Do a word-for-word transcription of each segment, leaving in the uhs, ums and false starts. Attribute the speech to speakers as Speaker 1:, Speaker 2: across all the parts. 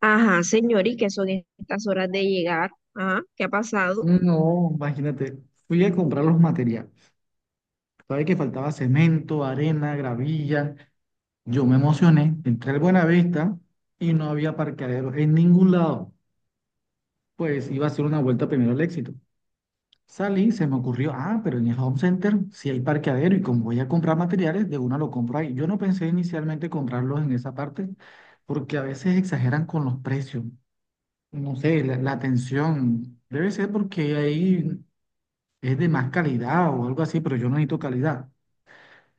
Speaker 1: Ajá, señor, ¿y qué son estas horas de llegar? Ajá, ¿qué ha pasado?
Speaker 2: No, imagínate, fui a comprar los materiales. Sabes que faltaba cemento, arena, gravilla. Yo me emocioné, entré al Buenavista y no había parqueadero en ningún lado. Pues iba a hacer una vuelta primero al Éxito. Salí, se me ocurrió, ah, pero en el Home Center sí hay parqueadero y como voy a comprar materiales, de una lo compro ahí. Yo no pensé inicialmente comprarlos en esa parte porque a veces exageran con los precios. No sé, la, la atención. Debe ser porque ahí. es de más calidad o algo así, pero yo no necesito calidad.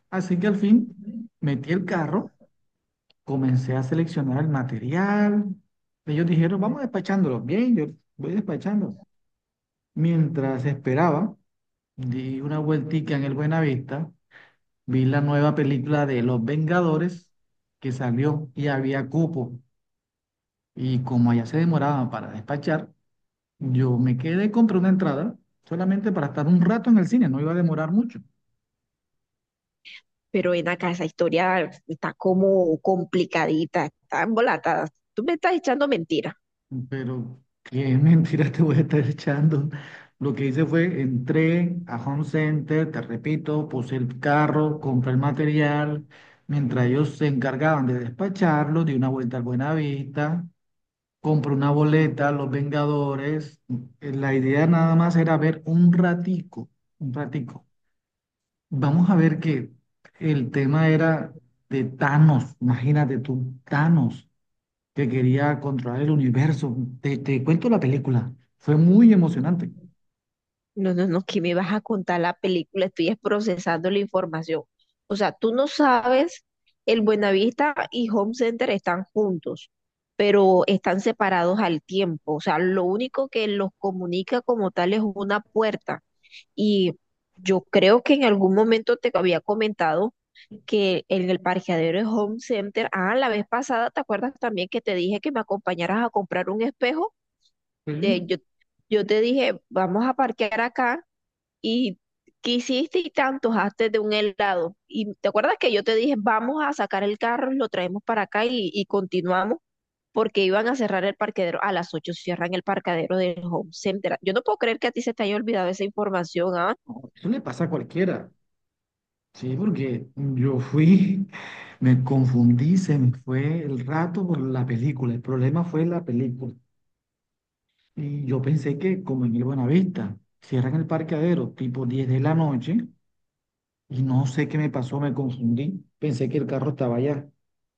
Speaker 2: Así que al fin metí el carro, comencé a seleccionar el material. Ellos dijeron, vamos despachándolo. Bien, yo voy despachando. Mientras esperaba, di una vueltica en el Buenavista, vi la nueva película de Los Vengadores que salió y había cupo. Y como allá se demoraba para despachar, yo me quedé, compré una entrada solamente para estar un rato en el cine, no iba a demorar mucho.
Speaker 1: Pero ven acá, esa historia está como complicadita, está embolatada. Tú me estás echando mentiras.
Speaker 2: Pero qué mentira te voy a estar echando. Lo que hice fue, entré a Home Center, te repito, puse el carro, compré el material, mientras ellos se encargaban de despacharlo, di una vuelta al Buenavista, compré una boleta, Los Vengadores. Eh, La idea nada más era ver un ratico, un ratico. Vamos a ver que el tema era de Thanos, imagínate tú, Thanos que quería controlar el universo. Te, te cuento la película. Fue muy emocionante.
Speaker 1: No, no, no, que me vas a contar la película, estoy es procesando la información. O sea, tú no sabes, el Buenavista y Home Center están juntos, pero están separados al tiempo. O sea, lo único que los comunica como tal es una puerta. Y yo creo que en algún momento te había comentado que en el parqueadero de Home Center, ah, la vez pasada, ¿te acuerdas también que te dije que me acompañaras a comprar un espejo? Eh,
Speaker 2: Pero
Speaker 1: yo, yo te dije, vamos a parquear acá y quisiste y tanto hazte de un helado. Y te acuerdas que yo te dije, vamos a sacar el carro, lo traemos para acá y, y continuamos porque iban a cerrar el parqueadero. A las ocho cierran el parqueadero del home center. Yo no puedo creer que a ti se te haya olvidado esa información, ¿ah?
Speaker 2: Eso le pasa a cualquiera. Sí, porque yo fui, me confundí, se me fue el rato por la película. El problema fue la película. Y yo pensé que, como en el Buenavista, cierran el parqueadero tipo diez de la noche y no sé qué me pasó, me confundí. Pensé que el carro estaba allá.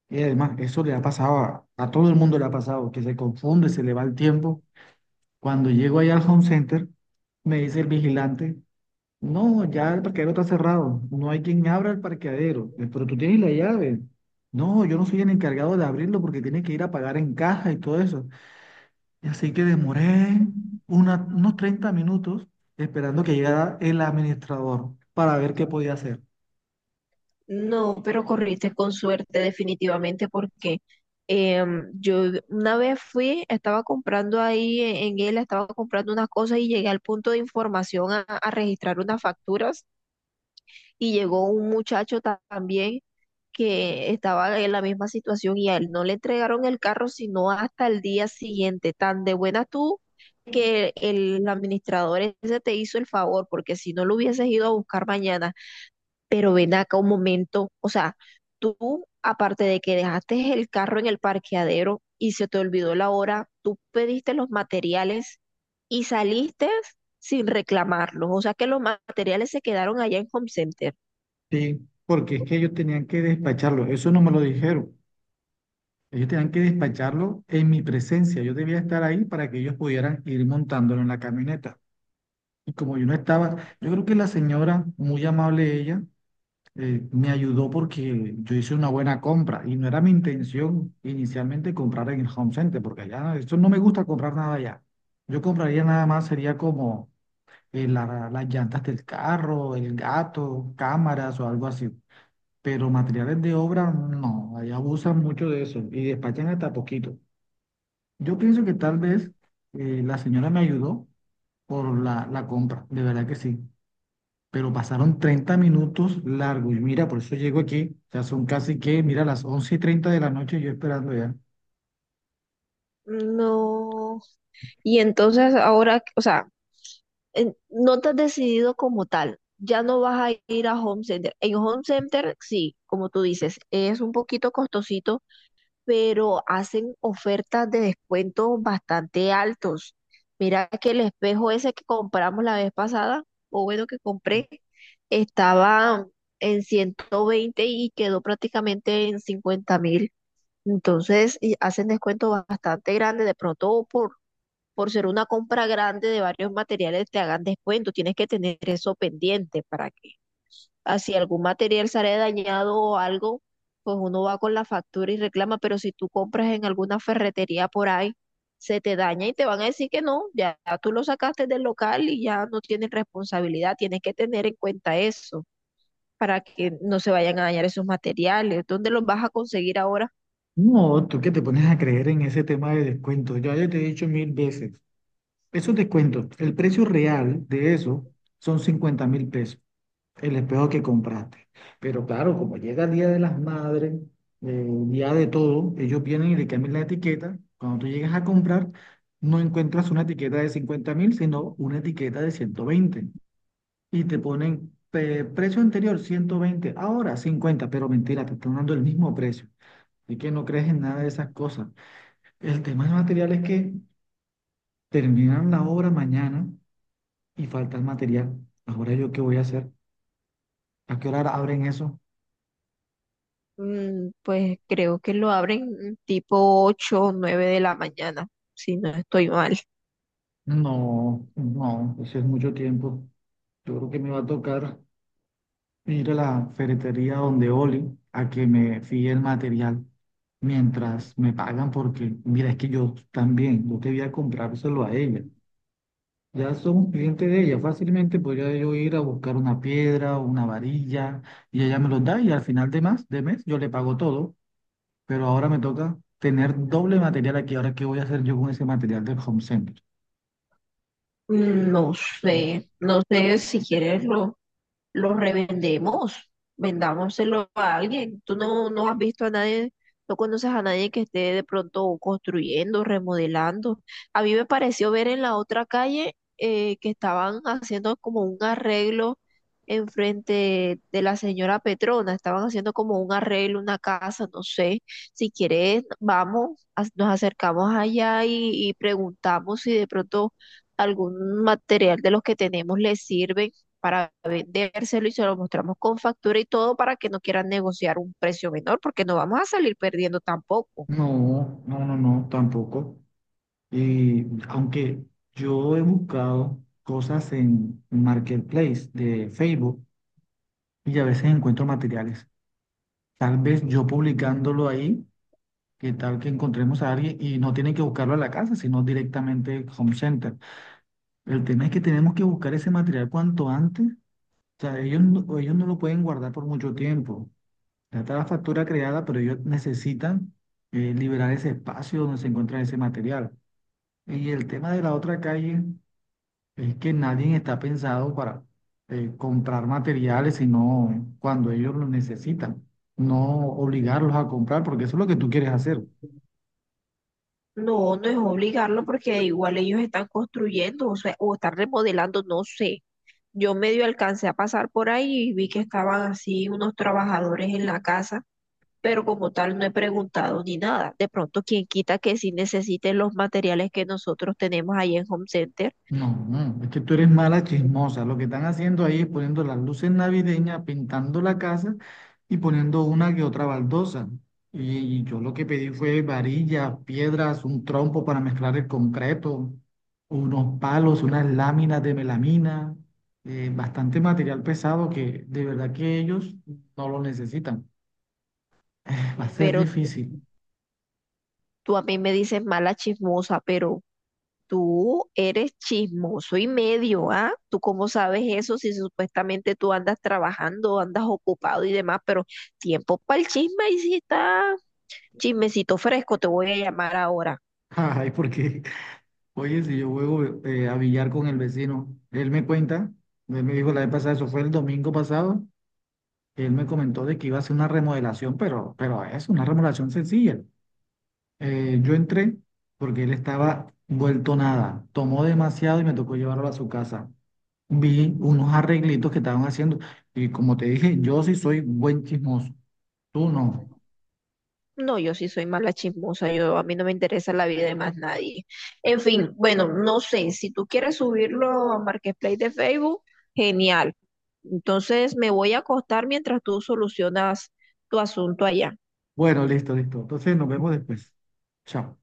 Speaker 2: Y además, eso le ha pasado a, a todo el mundo, le ha pasado, que se confunde, se le va el tiempo. Cuando llego ahí al home center, me dice el vigilante, no, ya el parqueadero está cerrado, no hay quien abra el parqueadero, "Eh, pero tú tienes la llave. No, yo no soy el encargado de abrirlo porque tiene que ir a pagar en caja y todo eso." Y así que demoré una- unos treinta minutos esperando que llegara el administrador para ver qué podía hacer.
Speaker 1: No, pero corriste con suerte definitivamente porque em, yo una vez fui, estaba comprando ahí en, en él, estaba comprando unas cosas y llegué al punto de información a, a registrar unas facturas y llegó un muchacho ta- también que estaba en la misma situación y a él no le entregaron el carro sino hasta el día siguiente. Tan de buena tú que el administrador ese te hizo el favor, porque si no lo hubieses ido a buscar mañana, pero ven acá un momento, o sea, tú, aparte de que dejaste el carro en el parqueadero y se te olvidó la hora, tú pediste los materiales y saliste sin reclamarlos, o sea que los materiales se quedaron allá en Home Center.
Speaker 2: Sí, porque es que ellos tenían que despacharlo, eso no me lo dijeron. Ellos tenían que despacharlo en mi presencia, yo debía estar ahí para que ellos pudieran ir montándolo en la camioneta. Y como yo no estaba, yo creo que la señora, muy amable ella, eh, me ayudó porque yo hice una buena compra y no era mi intención inicialmente comprar en el Home Center, porque allá, eso no me gusta comprar nada allá. Yo compraría nada más, sería como eh, la- las llantas del carro, el gato, cámaras o algo así. Pero materiales de obra, no, allá abusan mucho de eso y despachan hasta poquito. Yo pienso que tal vez eh, la señora me ayudó por la, la compra, de verdad que sí, pero pasaron treinta minutos largos. Y mira, por eso llego aquí. O sea, son casi que, mira, las once y treinta de la noche yo esperando ya.
Speaker 1: No. Y entonces ahora, o sea, en- no te has decidido como tal. Ya no vas a ir a Home Center. En Home Center, sí, como tú dices, es un poquito costosito, pero hacen ofertas de descuentos bastante altos. Mira que el espejo ese que compramos la vez pasada, o bueno, que compré, estaba en ciento veinte y quedó prácticamente en cincuenta mil. Entonces, y hacen descuentos bastante grandes, de pronto por por ser una compra grande de varios materiales te hagan descuento. Tienes que tener eso pendiente para que así algún material sale dañado o algo, pues uno va con la factura y reclama, pero si tú compras en alguna ferretería por ahí, se te daña y te van a decir que no, ya tú lo sacaste del local y ya no tienes responsabilidad. Tienes que tener en cuenta eso para que no se vayan a dañar esos materiales. ¿Dónde los vas a conseguir ahora?
Speaker 2: No, tú que te pones a creer en ese tema de descuentos. Ya, ya te he dicho mil veces. Esos descuentos, el precio real de eso son cincuenta mil pesos, el espejo que compraste. Pero claro, como llega el Día de las Madres, eh, Día de todo, ellos vienen y le cambian la etiqueta. Cuando tú llegas a comprar, no encuentras una etiqueta de cincuenta mil, sino una etiqueta de ciento veinte. y te ponen eh, precio anterior ciento veinte, ahora cincuenta, pero mentira, te están dando el mismo precio. Así que no crees en nada de esas cosas. El tema del material es que terminan la obra mañana y falta el material. ¿Ahora yo qué voy a hacer? ¿A qué hora abren eso?
Speaker 1: Mm, pues creo que lo abren tipo ocho o nueve de la mañana, si no estoy mal.
Speaker 2: No, no, eso es mucho tiempo. Yo creo que me va a tocar ir a la ferretería donde Oli a que me fíe el material mientras me pagan porque, mira, es que yo también, yo debía comprárselo a ella. Ya somos clientes de ella. Fácilmente podría yo ir a buscar una piedra o una varilla y ella me los da y al final de más, de mes yo le pago todo. Pero ahora me toca tener doble material aquí. Ahora, ¿qué voy a hacer yo con ese material del home center?
Speaker 1: Mm, no sé, no sé si quieres lo, los revendemos, vendámoselo a alguien. Tú no, no has visto a nadie, no conoces a nadie que esté de pronto construyendo, remodelando. A mí me pareció ver en la otra calle eh, que estaban haciendo como un arreglo enfrente de la señora Petrona, estaban haciendo como un arreglo, una casa, no sé. Si quieres, vamos, a- nos acercamos allá y y preguntamos si de pronto algún material de los que tenemos les sirve para vendérselo y se lo mostramos con factura y todo para que no quieran negociar un precio menor, porque no vamos a salir perdiendo tampoco.
Speaker 2: No, no, no, no, tampoco. Y aunque yo he buscado cosas en Marketplace de Facebook y a veces encuentro materiales, tal vez yo publicándolo ahí ¿Qué tal que encontremos a alguien y no tienen que buscarlo a la casa, sino directamente al home center? El tema es que tenemos que buscar ese material cuanto antes. O sea, ellos no, ellos no lo pueden guardar por mucho tiempo. Ya está la factura creada, pero ellos necesitan eh, liberar ese espacio donde se encuentra ese material. Y el tema de la otra calle es que nadie está pensado para eh, comprar materiales, sino cuando ellos lo necesitan. No obligarlos a comprar, porque eso es lo que tú quieres hacer.
Speaker 1: No, no es obligarlo porque igual ellos están construyendo, o sea, o están remodelando, no sé. Yo medio alcancé a pasar por ahí y vi que estaban así unos trabajadores en la casa, pero como tal no he preguntado ni nada. De pronto, quien quita que sí necesiten los materiales que nosotros tenemos ahí en Home Center,
Speaker 2: No, no, es que tú eres mala chismosa. Lo que están haciendo ahí es poniendo las luces navideñas, pintando la casa y poniendo una que otra baldosa. Y, y yo lo que pedí fue varillas, piedras, un trompo para mezclar el concreto, unos palos, unas láminas de melamina, eh, bastante material pesado que de verdad que ellos no lo necesitan. Va a ser
Speaker 1: pero
Speaker 2: difícil.
Speaker 1: tú a mí me dices mala chismosa, pero tú eres chismoso y medio, ¿ah? ¿Tú cómo sabes eso si supuestamente tú andas trabajando, andas ocupado y demás, pero tiempo para el chisme? Y si está chismecito fresco, te voy a llamar ahora.
Speaker 2: Ay, ¿por qué? Oye, si yo juego eh, a billar con el vecino, él me cuenta, él me dijo la vez pasada, eso fue el domingo pasado, él me comentó de que iba a hacer una remodelación, pero, pero es una remodelación sencilla. Eh, yo entré porque él estaba vuelto nada, tomó demasiado y me tocó llevarlo a su casa. Vi unos arreglitos que estaban haciendo y como te dije, yo sí soy buen chismoso, tú no.
Speaker 1: No, yo sí soy mala chismosa, yo a mí no me interesa la vida de más nadie. En fin, bueno, no sé, si tú quieres subirlo a Marketplace de Facebook, genial. Entonces me voy a acostar mientras tú solucionas tu asunto allá.
Speaker 2: Bueno, listo, listo. Entonces nos vemos después. Chao.